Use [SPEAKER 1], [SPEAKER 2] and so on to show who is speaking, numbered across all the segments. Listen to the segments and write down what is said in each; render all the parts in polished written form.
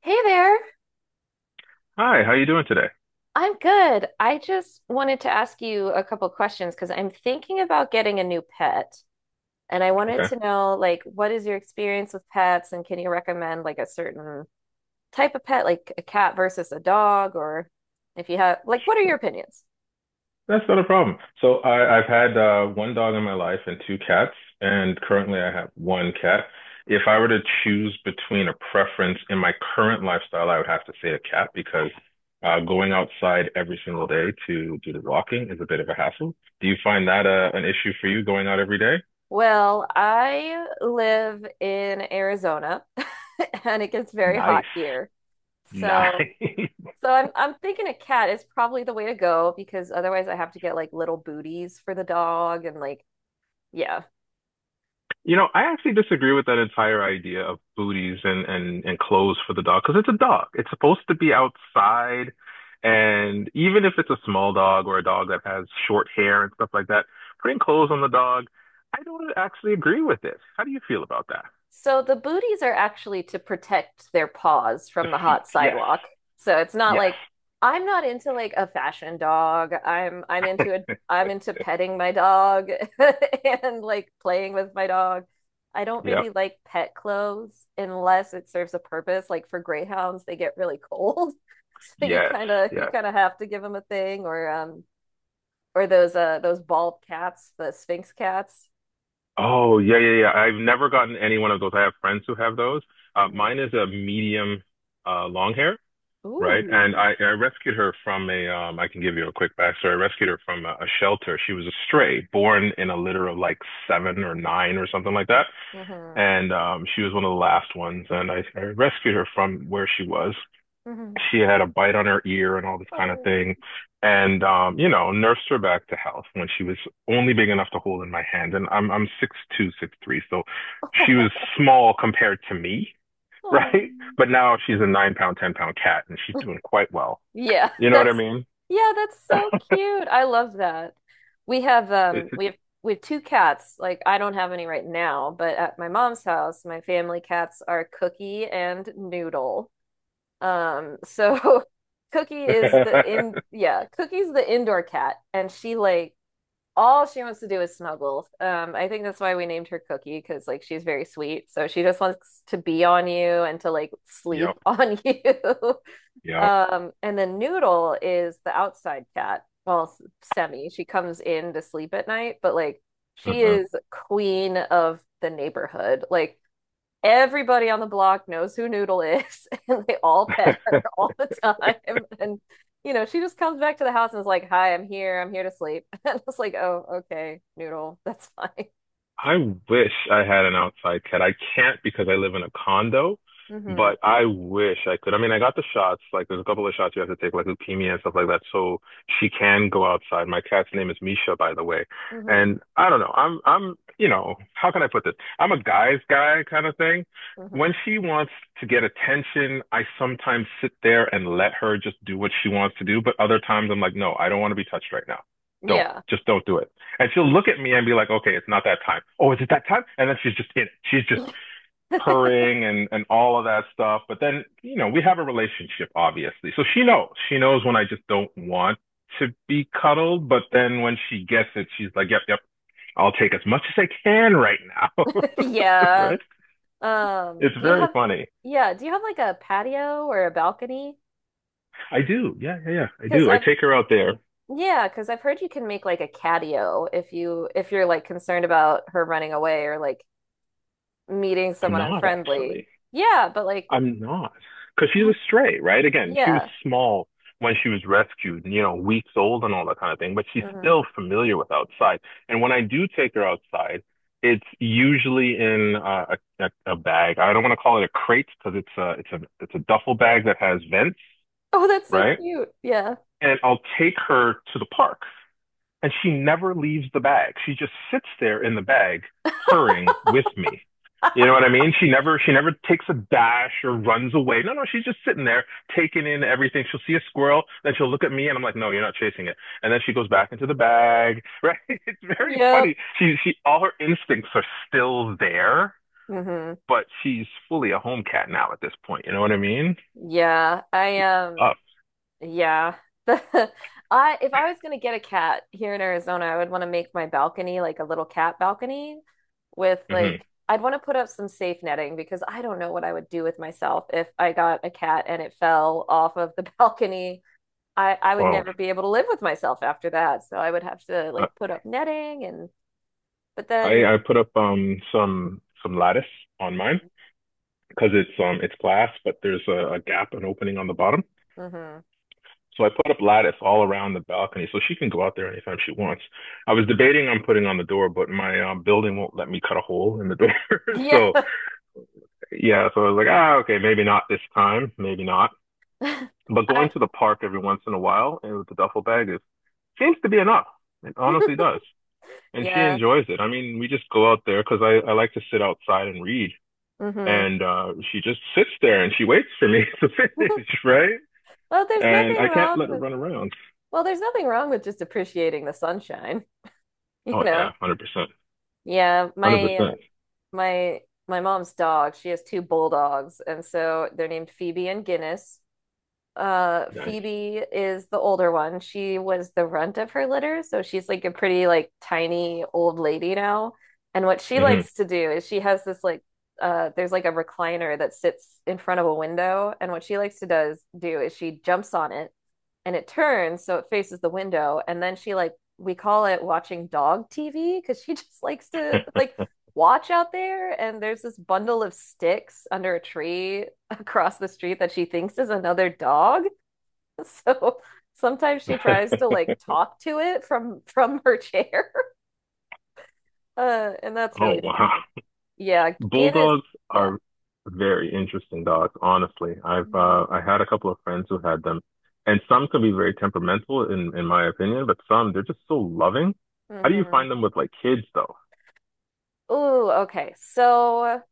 [SPEAKER 1] Hey there.
[SPEAKER 2] Hi, how you doing today?
[SPEAKER 1] I'm good. I just wanted to ask you a couple questions because I'm thinking about getting a new pet, and I wanted
[SPEAKER 2] Okay,
[SPEAKER 1] to know, like, what is your experience with pets, and can you recommend like a certain type of pet, like a cat versus a dog, or if you have, like, what are your
[SPEAKER 2] sure.
[SPEAKER 1] opinions?
[SPEAKER 2] That's not a problem. So I've had one dog in my life and two cats, and currently I have one cat. If I were to choose between a preference in my current lifestyle, I would have to say a cat because going outside every single day to do the walking is a bit of a hassle. Do you find that an issue for you going out every day?
[SPEAKER 1] Well, I live in Arizona and it gets very hot
[SPEAKER 2] Nice.
[SPEAKER 1] here.
[SPEAKER 2] Nice.
[SPEAKER 1] So So I'm thinking a cat is probably the way to go, because otherwise I have to get like little booties for the dog and like yeah.
[SPEAKER 2] You know, I actually disagree with that entire idea of booties and clothes for the dog because it's a dog. It's supposed to be outside, and even if it's a small dog or a dog that has short hair and stuff like that, putting clothes on the dog, I don't actually agree with this. How do you feel about that?
[SPEAKER 1] So the booties are actually to protect their paws
[SPEAKER 2] The
[SPEAKER 1] from the
[SPEAKER 2] feet.
[SPEAKER 1] hot
[SPEAKER 2] Yes.
[SPEAKER 1] sidewalk. So it's not
[SPEAKER 2] Yes.
[SPEAKER 1] like I'm not into like a fashion dog. I'm into a I'm into petting my dog and like playing with my dog. I don't
[SPEAKER 2] Yep.
[SPEAKER 1] really like pet clothes unless it serves a purpose. Like for greyhounds, they get really cold. So you
[SPEAKER 2] Yes.
[SPEAKER 1] kind of you
[SPEAKER 2] Yes.
[SPEAKER 1] kind of have to give them a thing, or those bald cats, the Sphinx cats.
[SPEAKER 2] Oh, yeah, yeah, yeah. I've never gotten any one of those. I have friends who have those.
[SPEAKER 1] hmm
[SPEAKER 2] Mine is a medium long hair. Right? And
[SPEAKER 1] Ooh.
[SPEAKER 2] I rescued her from a, I can give you a quick backstory. I rescued her from a shelter. She was a stray, born in a litter of like seven or nine or something like that.
[SPEAKER 1] hmm
[SPEAKER 2] And she was one of the last ones. And I rescued her from where she was.
[SPEAKER 1] hmm
[SPEAKER 2] She had a bite on her ear and all this kind of
[SPEAKER 1] Oh.
[SPEAKER 2] thing. And, you know, nursed her back to health when she was only big enough to hold in my hand. And I'm 6'2", so she was
[SPEAKER 1] Oh.
[SPEAKER 2] small compared to me,
[SPEAKER 1] Oh.
[SPEAKER 2] right? But now she's a 9 pound, 10 pound cat and she's doing quite well,
[SPEAKER 1] Yeah,
[SPEAKER 2] you know what I
[SPEAKER 1] that's
[SPEAKER 2] mean?
[SPEAKER 1] yeah, that's so cute. I love that. We have um we have we have two cats. Like, I don't have any right now, but at my mom's house, my family cats are Cookie and Noodle. Um, so Cookie is the in yeah, Cookie's the indoor cat, and she like all she wants to do is snuggle. I think that's why we named her Cookie, because like she's very sweet, so she just wants to be on you and to like
[SPEAKER 2] Yep.
[SPEAKER 1] sleep on you.
[SPEAKER 2] Yep.
[SPEAKER 1] Um, and then Noodle is the outside cat. Well, semi. She comes in to sleep at night, but like she
[SPEAKER 2] Mhm.
[SPEAKER 1] is queen of the neighborhood. Like everybody on the block knows who Noodle is, and they all pet her all the time. And you know, she just comes back to the house and is like, "Hi, I'm here. I'm here to sleep." And it's like, "Oh, okay, Noodle, that's fine."
[SPEAKER 2] I wish I had an outside cat. I can't because I live in a condo,
[SPEAKER 1] Mm-hmm.
[SPEAKER 2] but I wish I could. I mean, I got the shots. Like, there's a couple of shots you have to take, like leukemia and stuff like that, so she can go outside. My cat's name is Misha, by the way.
[SPEAKER 1] Mm-hmm.
[SPEAKER 2] And I don't know. How can I put this? I'm a guy's guy kind of thing. When
[SPEAKER 1] Mm-hmm.
[SPEAKER 2] she wants to get attention, I sometimes sit there and let her just do what she wants to do. But other times I'm like, no, I don't want to be touched right now. Don't,
[SPEAKER 1] Yeah.
[SPEAKER 2] just don't do it. And she'll look at me and be like, okay, it's not that time. Oh, is it that time? And then she's just in it. She's just purring and all of that stuff. But then, you know, we have a relationship, obviously. So she knows. She knows when I just don't want to be cuddled. But then when she gets it, she's like, yep, yep, I'll take as much as I can right now.
[SPEAKER 1] Yeah.
[SPEAKER 2] Right? It's
[SPEAKER 1] Do you
[SPEAKER 2] very
[SPEAKER 1] have
[SPEAKER 2] funny.
[SPEAKER 1] Yeah, do you have like a patio or a balcony?
[SPEAKER 2] I do. Yeah, yeah, yeah. I
[SPEAKER 1] Because
[SPEAKER 2] do. I
[SPEAKER 1] I've
[SPEAKER 2] take her out there.
[SPEAKER 1] Yeah, because I've heard you can make like a catio if you, if you're like concerned about her running away or like meeting
[SPEAKER 2] I'm
[SPEAKER 1] someone
[SPEAKER 2] not
[SPEAKER 1] unfriendly.
[SPEAKER 2] actually.
[SPEAKER 1] Yeah, but like,
[SPEAKER 2] I'm not. Because she's a stray, right? Again, she was
[SPEAKER 1] yeah.
[SPEAKER 2] small when she was rescued, you know, weeks old and all that kind of thing, but she's
[SPEAKER 1] hmm
[SPEAKER 2] still familiar with outside. And when I do take her outside, it's usually in a bag. I don't want to call it a crate because it's a duffel bag that has vents,
[SPEAKER 1] Oh, that's so
[SPEAKER 2] right?
[SPEAKER 1] cute. Yeah.
[SPEAKER 2] And I'll take her to the park and she never leaves the bag. She just sits there in the bag, purring with me. You know what I mean? She never takes a dash or runs away. No, no, she's just sitting there taking in everything. She'll see a squirrel, then she'll look at me, and I'm like, "No, you're not chasing it." And then she goes back into the bag. Right? It's very
[SPEAKER 1] Yep.
[SPEAKER 2] funny. She all her instincts are still there,
[SPEAKER 1] hmm
[SPEAKER 2] but she's fully a home cat now at this point. You know what I mean?
[SPEAKER 1] Yeah. I um
[SPEAKER 2] Up.
[SPEAKER 1] yeah. I If I was gonna get a cat here in Arizona, I would want to make my balcony like a little cat balcony, with like
[SPEAKER 2] hmm
[SPEAKER 1] I'd want to put up some safe netting, because I don't know what I would do with myself if I got a cat and it fell off of the balcony. I would
[SPEAKER 2] Well,
[SPEAKER 1] never be able to live with myself after that. So I would have to
[SPEAKER 2] uh,
[SPEAKER 1] like put up netting, and but then
[SPEAKER 2] I put up some lattice on mine because it's glass, but there's a gap, an opening on the bottom.
[SPEAKER 1] hmm
[SPEAKER 2] So I put up lattice all around the balcony, so she can go out there anytime she wants. I was debating on putting on the door, but my building won't let me cut a hole in the door.
[SPEAKER 1] Yeah.
[SPEAKER 2] So yeah, so I was like, ah, okay, maybe not this time, maybe not. But going
[SPEAKER 1] I
[SPEAKER 2] to the park every once in a while and with the duffel bag is seems to be enough. It honestly does, and she
[SPEAKER 1] yeah.
[SPEAKER 2] enjoys it. I mean, we just go out there because I like to sit outside and read,
[SPEAKER 1] hmm
[SPEAKER 2] and she just sits there and she waits for me to finish, right?
[SPEAKER 1] Well, there's
[SPEAKER 2] And
[SPEAKER 1] nothing
[SPEAKER 2] I can't
[SPEAKER 1] wrong
[SPEAKER 2] let it
[SPEAKER 1] with
[SPEAKER 2] run around.
[SPEAKER 1] well, there's nothing wrong with just appreciating the sunshine, you
[SPEAKER 2] Oh yeah,
[SPEAKER 1] know.
[SPEAKER 2] 100%,
[SPEAKER 1] Yeah,
[SPEAKER 2] one hundred
[SPEAKER 1] my uh,
[SPEAKER 2] percent.
[SPEAKER 1] my my mom's dog, she has two bulldogs, and so they're named Phoebe and Guinness. Uh,
[SPEAKER 2] Nice.
[SPEAKER 1] Phoebe is the older one. She was the runt of her litter, so she's like a pretty like tiny old lady now. And what she
[SPEAKER 2] Hmm.
[SPEAKER 1] likes to do is she has this like, there's like a recliner that sits in front of a window, and what she likes to does do is she jumps on it, and it turns so it faces the window, and then she like, we call it watching dog TV because she just likes to like watch out there, and there's this bundle of sticks under a tree across the street that she thinks is another dog. So sometimes she tries to like talk to it from her chair. And that's
[SPEAKER 2] Oh
[SPEAKER 1] really
[SPEAKER 2] wow,
[SPEAKER 1] funny. Yeah, Guinness.
[SPEAKER 2] bulldogs
[SPEAKER 1] Yeah.
[SPEAKER 2] are very interesting dogs. Honestly, I've
[SPEAKER 1] hmm
[SPEAKER 2] I had a couple of friends who had them, and some can be very temperamental in my opinion, but some they're just so loving. How do you
[SPEAKER 1] hmm
[SPEAKER 2] find them with like kids though?
[SPEAKER 1] Ooh, okay. So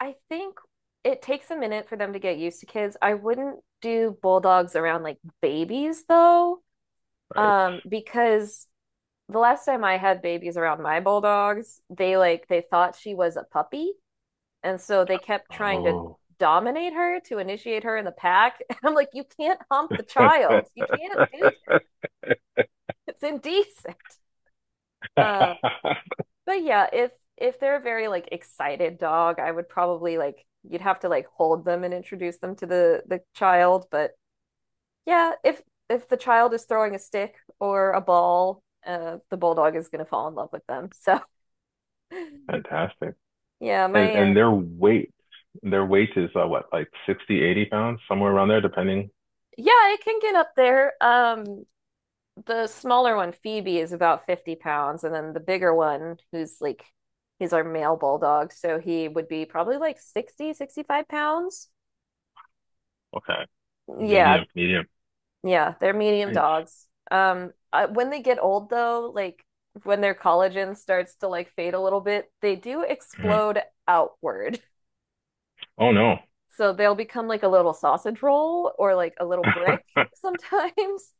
[SPEAKER 1] I think it takes a minute for them to get used to kids. I wouldn't do bulldogs around like babies though,
[SPEAKER 2] Right.
[SPEAKER 1] because the last time I had babies around my bulldogs, they like they thought she was a puppy. And so they kept trying to
[SPEAKER 2] Oh.
[SPEAKER 1] dominate her to initiate her in the pack. And I'm like, you can't hump the child. You can't do that. It's indecent. Um, but yeah, if they're a very like excited dog, I would probably like, you'd have to like hold them and introduce them to the child. But yeah, if the child is throwing a stick or a ball, the bulldog is going to fall in love with them. So
[SPEAKER 2] Fantastic.
[SPEAKER 1] yeah,
[SPEAKER 2] and
[SPEAKER 1] my uh,
[SPEAKER 2] and their weight is what like 60, 80 pounds somewhere around there depending.
[SPEAKER 1] yeah, it can get up there. The smaller one, Phoebe, is about 50 pounds, and then the bigger one, who's like he's our male bulldog, so he would be probably like 60, 65 pounds.
[SPEAKER 2] Okay.
[SPEAKER 1] Yeah,
[SPEAKER 2] Medium.
[SPEAKER 1] yeah, they're medium
[SPEAKER 2] Nice.
[SPEAKER 1] dogs. I, when they get old though, like when their collagen starts to like fade a little bit, they do
[SPEAKER 2] Mhm.
[SPEAKER 1] explode outward.
[SPEAKER 2] Oh no.
[SPEAKER 1] So they'll become like a little sausage roll or like a little brick sometimes.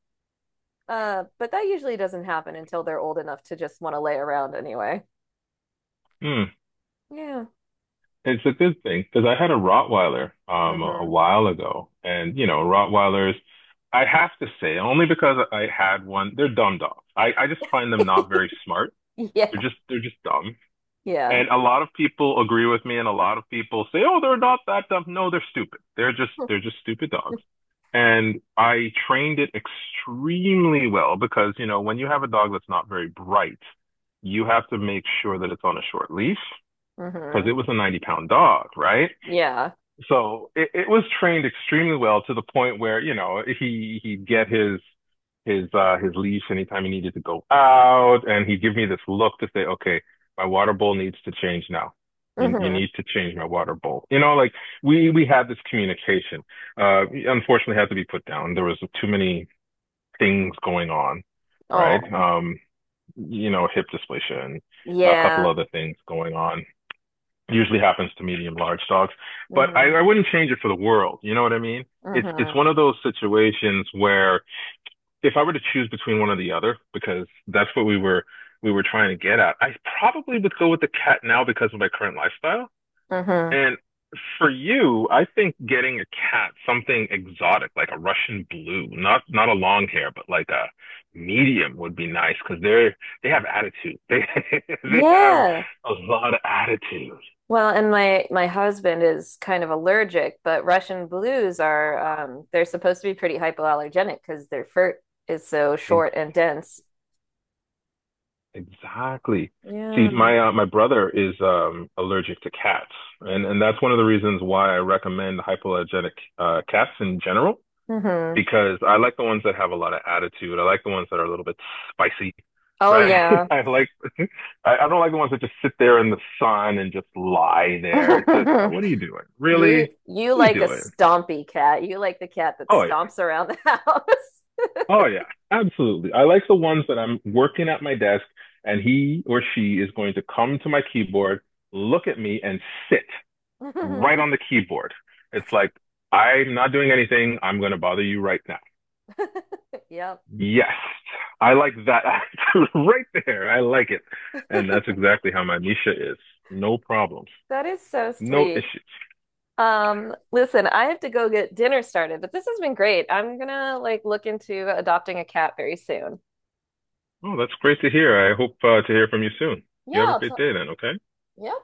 [SPEAKER 1] But that usually doesn't happen until they're old enough to just want to lay around anyway.
[SPEAKER 2] Hmm.
[SPEAKER 1] Yeah.
[SPEAKER 2] It's a good thing because I had a Rottweiler a
[SPEAKER 1] hmm
[SPEAKER 2] while ago, and you know Rottweilers I have to say only because I had one, they're dumb dogs. I just find them not very smart,
[SPEAKER 1] Yeah.
[SPEAKER 2] they're just dumb.
[SPEAKER 1] Yeah.
[SPEAKER 2] And a lot of people agree with me, and a lot of people say, "Oh, they're not that dumb." No, they're stupid. They're just stupid dogs. And I trained it extremely well because, you know, when you have a dog that's not very bright, you have to make sure that it's on a short leash because
[SPEAKER 1] hmm
[SPEAKER 2] it was a 90 pound dog, right?
[SPEAKER 1] Yeah.
[SPEAKER 2] So it was trained extremely well to the point where, you know, he'd get his leash anytime he needed to go out, and he'd give me this look to say okay, my water bowl needs to change now, you
[SPEAKER 1] hmm
[SPEAKER 2] need to change my water bowl, you know, like we had this communication. Unfortunately, had to be put down. There was too many things going on, right?
[SPEAKER 1] Oh,
[SPEAKER 2] You know, hip dysplasia and a couple
[SPEAKER 1] yeah.
[SPEAKER 2] other things going on, usually happens to medium large dogs. But I,
[SPEAKER 1] hmm
[SPEAKER 2] I wouldn't change it for the world. You know what I mean? It's
[SPEAKER 1] hmm
[SPEAKER 2] one of those situations where if I were to choose between one or the other, because that's what we were trying to get at, I probably would go with the cat now because of my current lifestyle.
[SPEAKER 1] hmm
[SPEAKER 2] And for you, I think getting a cat, something exotic like a Russian blue, not a long hair, but like a medium would be nice because they have attitude. They they have
[SPEAKER 1] Yeah.
[SPEAKER 2] a lot of attitude.
[SPEAKER 1] Well, and my husband is kind of allergic, but Russian blues are um, they're supposed to be pretty hypoallergenic because their fur is so short
[SPEAKER 2] Exactly.
[SPEAKER 1] and dense.
[SPEAKER 2] Exactly. See,
[SPEAKER 1] Yeah.
[SPEAKER 2] my brother is allergic to cats, and that's one of the reasons why I recommend hypoallergenic cats in general
[SPEAKER 1] hmm
[SPEAKER 2] because I like the ones that have a lot of attitude. I like the ones that are a little bit spicy,
[SPEAKER 1] Oh
[SPEAKER 2] right?
[SPEAKER 1] yeah.
[SPEAKER 2] I like I don't like the ones that just sit there in the sun and just lie there. It's just, what are you doing? Really?
[SPEAKER 1] You
[SPEAKER 2] What are you
[SPEAKER 1] like a
[SPEAKER 2] doing?
[SPEAKER 1] stompy cat. You like the cat that
[SPEAKER 2] Oh yeah.
[SPEAKER 1] stomps around the house.
[SPEAKER 2] Oh yeah, absolutely. I like the ones that I'm working at my desk and he or she is going to come to my keyboard, look at me and sit right on the keyboard. It's like, I'm not doing anything. I'm going to bother you right now.
[SPEAKER 1] Yep.
[SPEAKER 2] Yes. I like that attitude right there. I like it. And that's exactly how my Misha is. No problems,
[SPEAKER 1] That is so
[SPEAKER 2] no
[SPEAKER 1] sweet.
[SPEAKER 2] issues.
[SPEAKER 1] Listen, I have to go get dinner started, but this has been great. I'm gonna like look into adopting a cat very soon.
[SPEAKER 2] Oh, that's great to hear. I hope to hear from you soon. You
[SPEAKER 1] Yeah,
[SPEAKER 2] have a
[SPEAKER 1] I'll t-
[SPEAKER 2] great day then, okay?
[SPEAKER 1] yeah.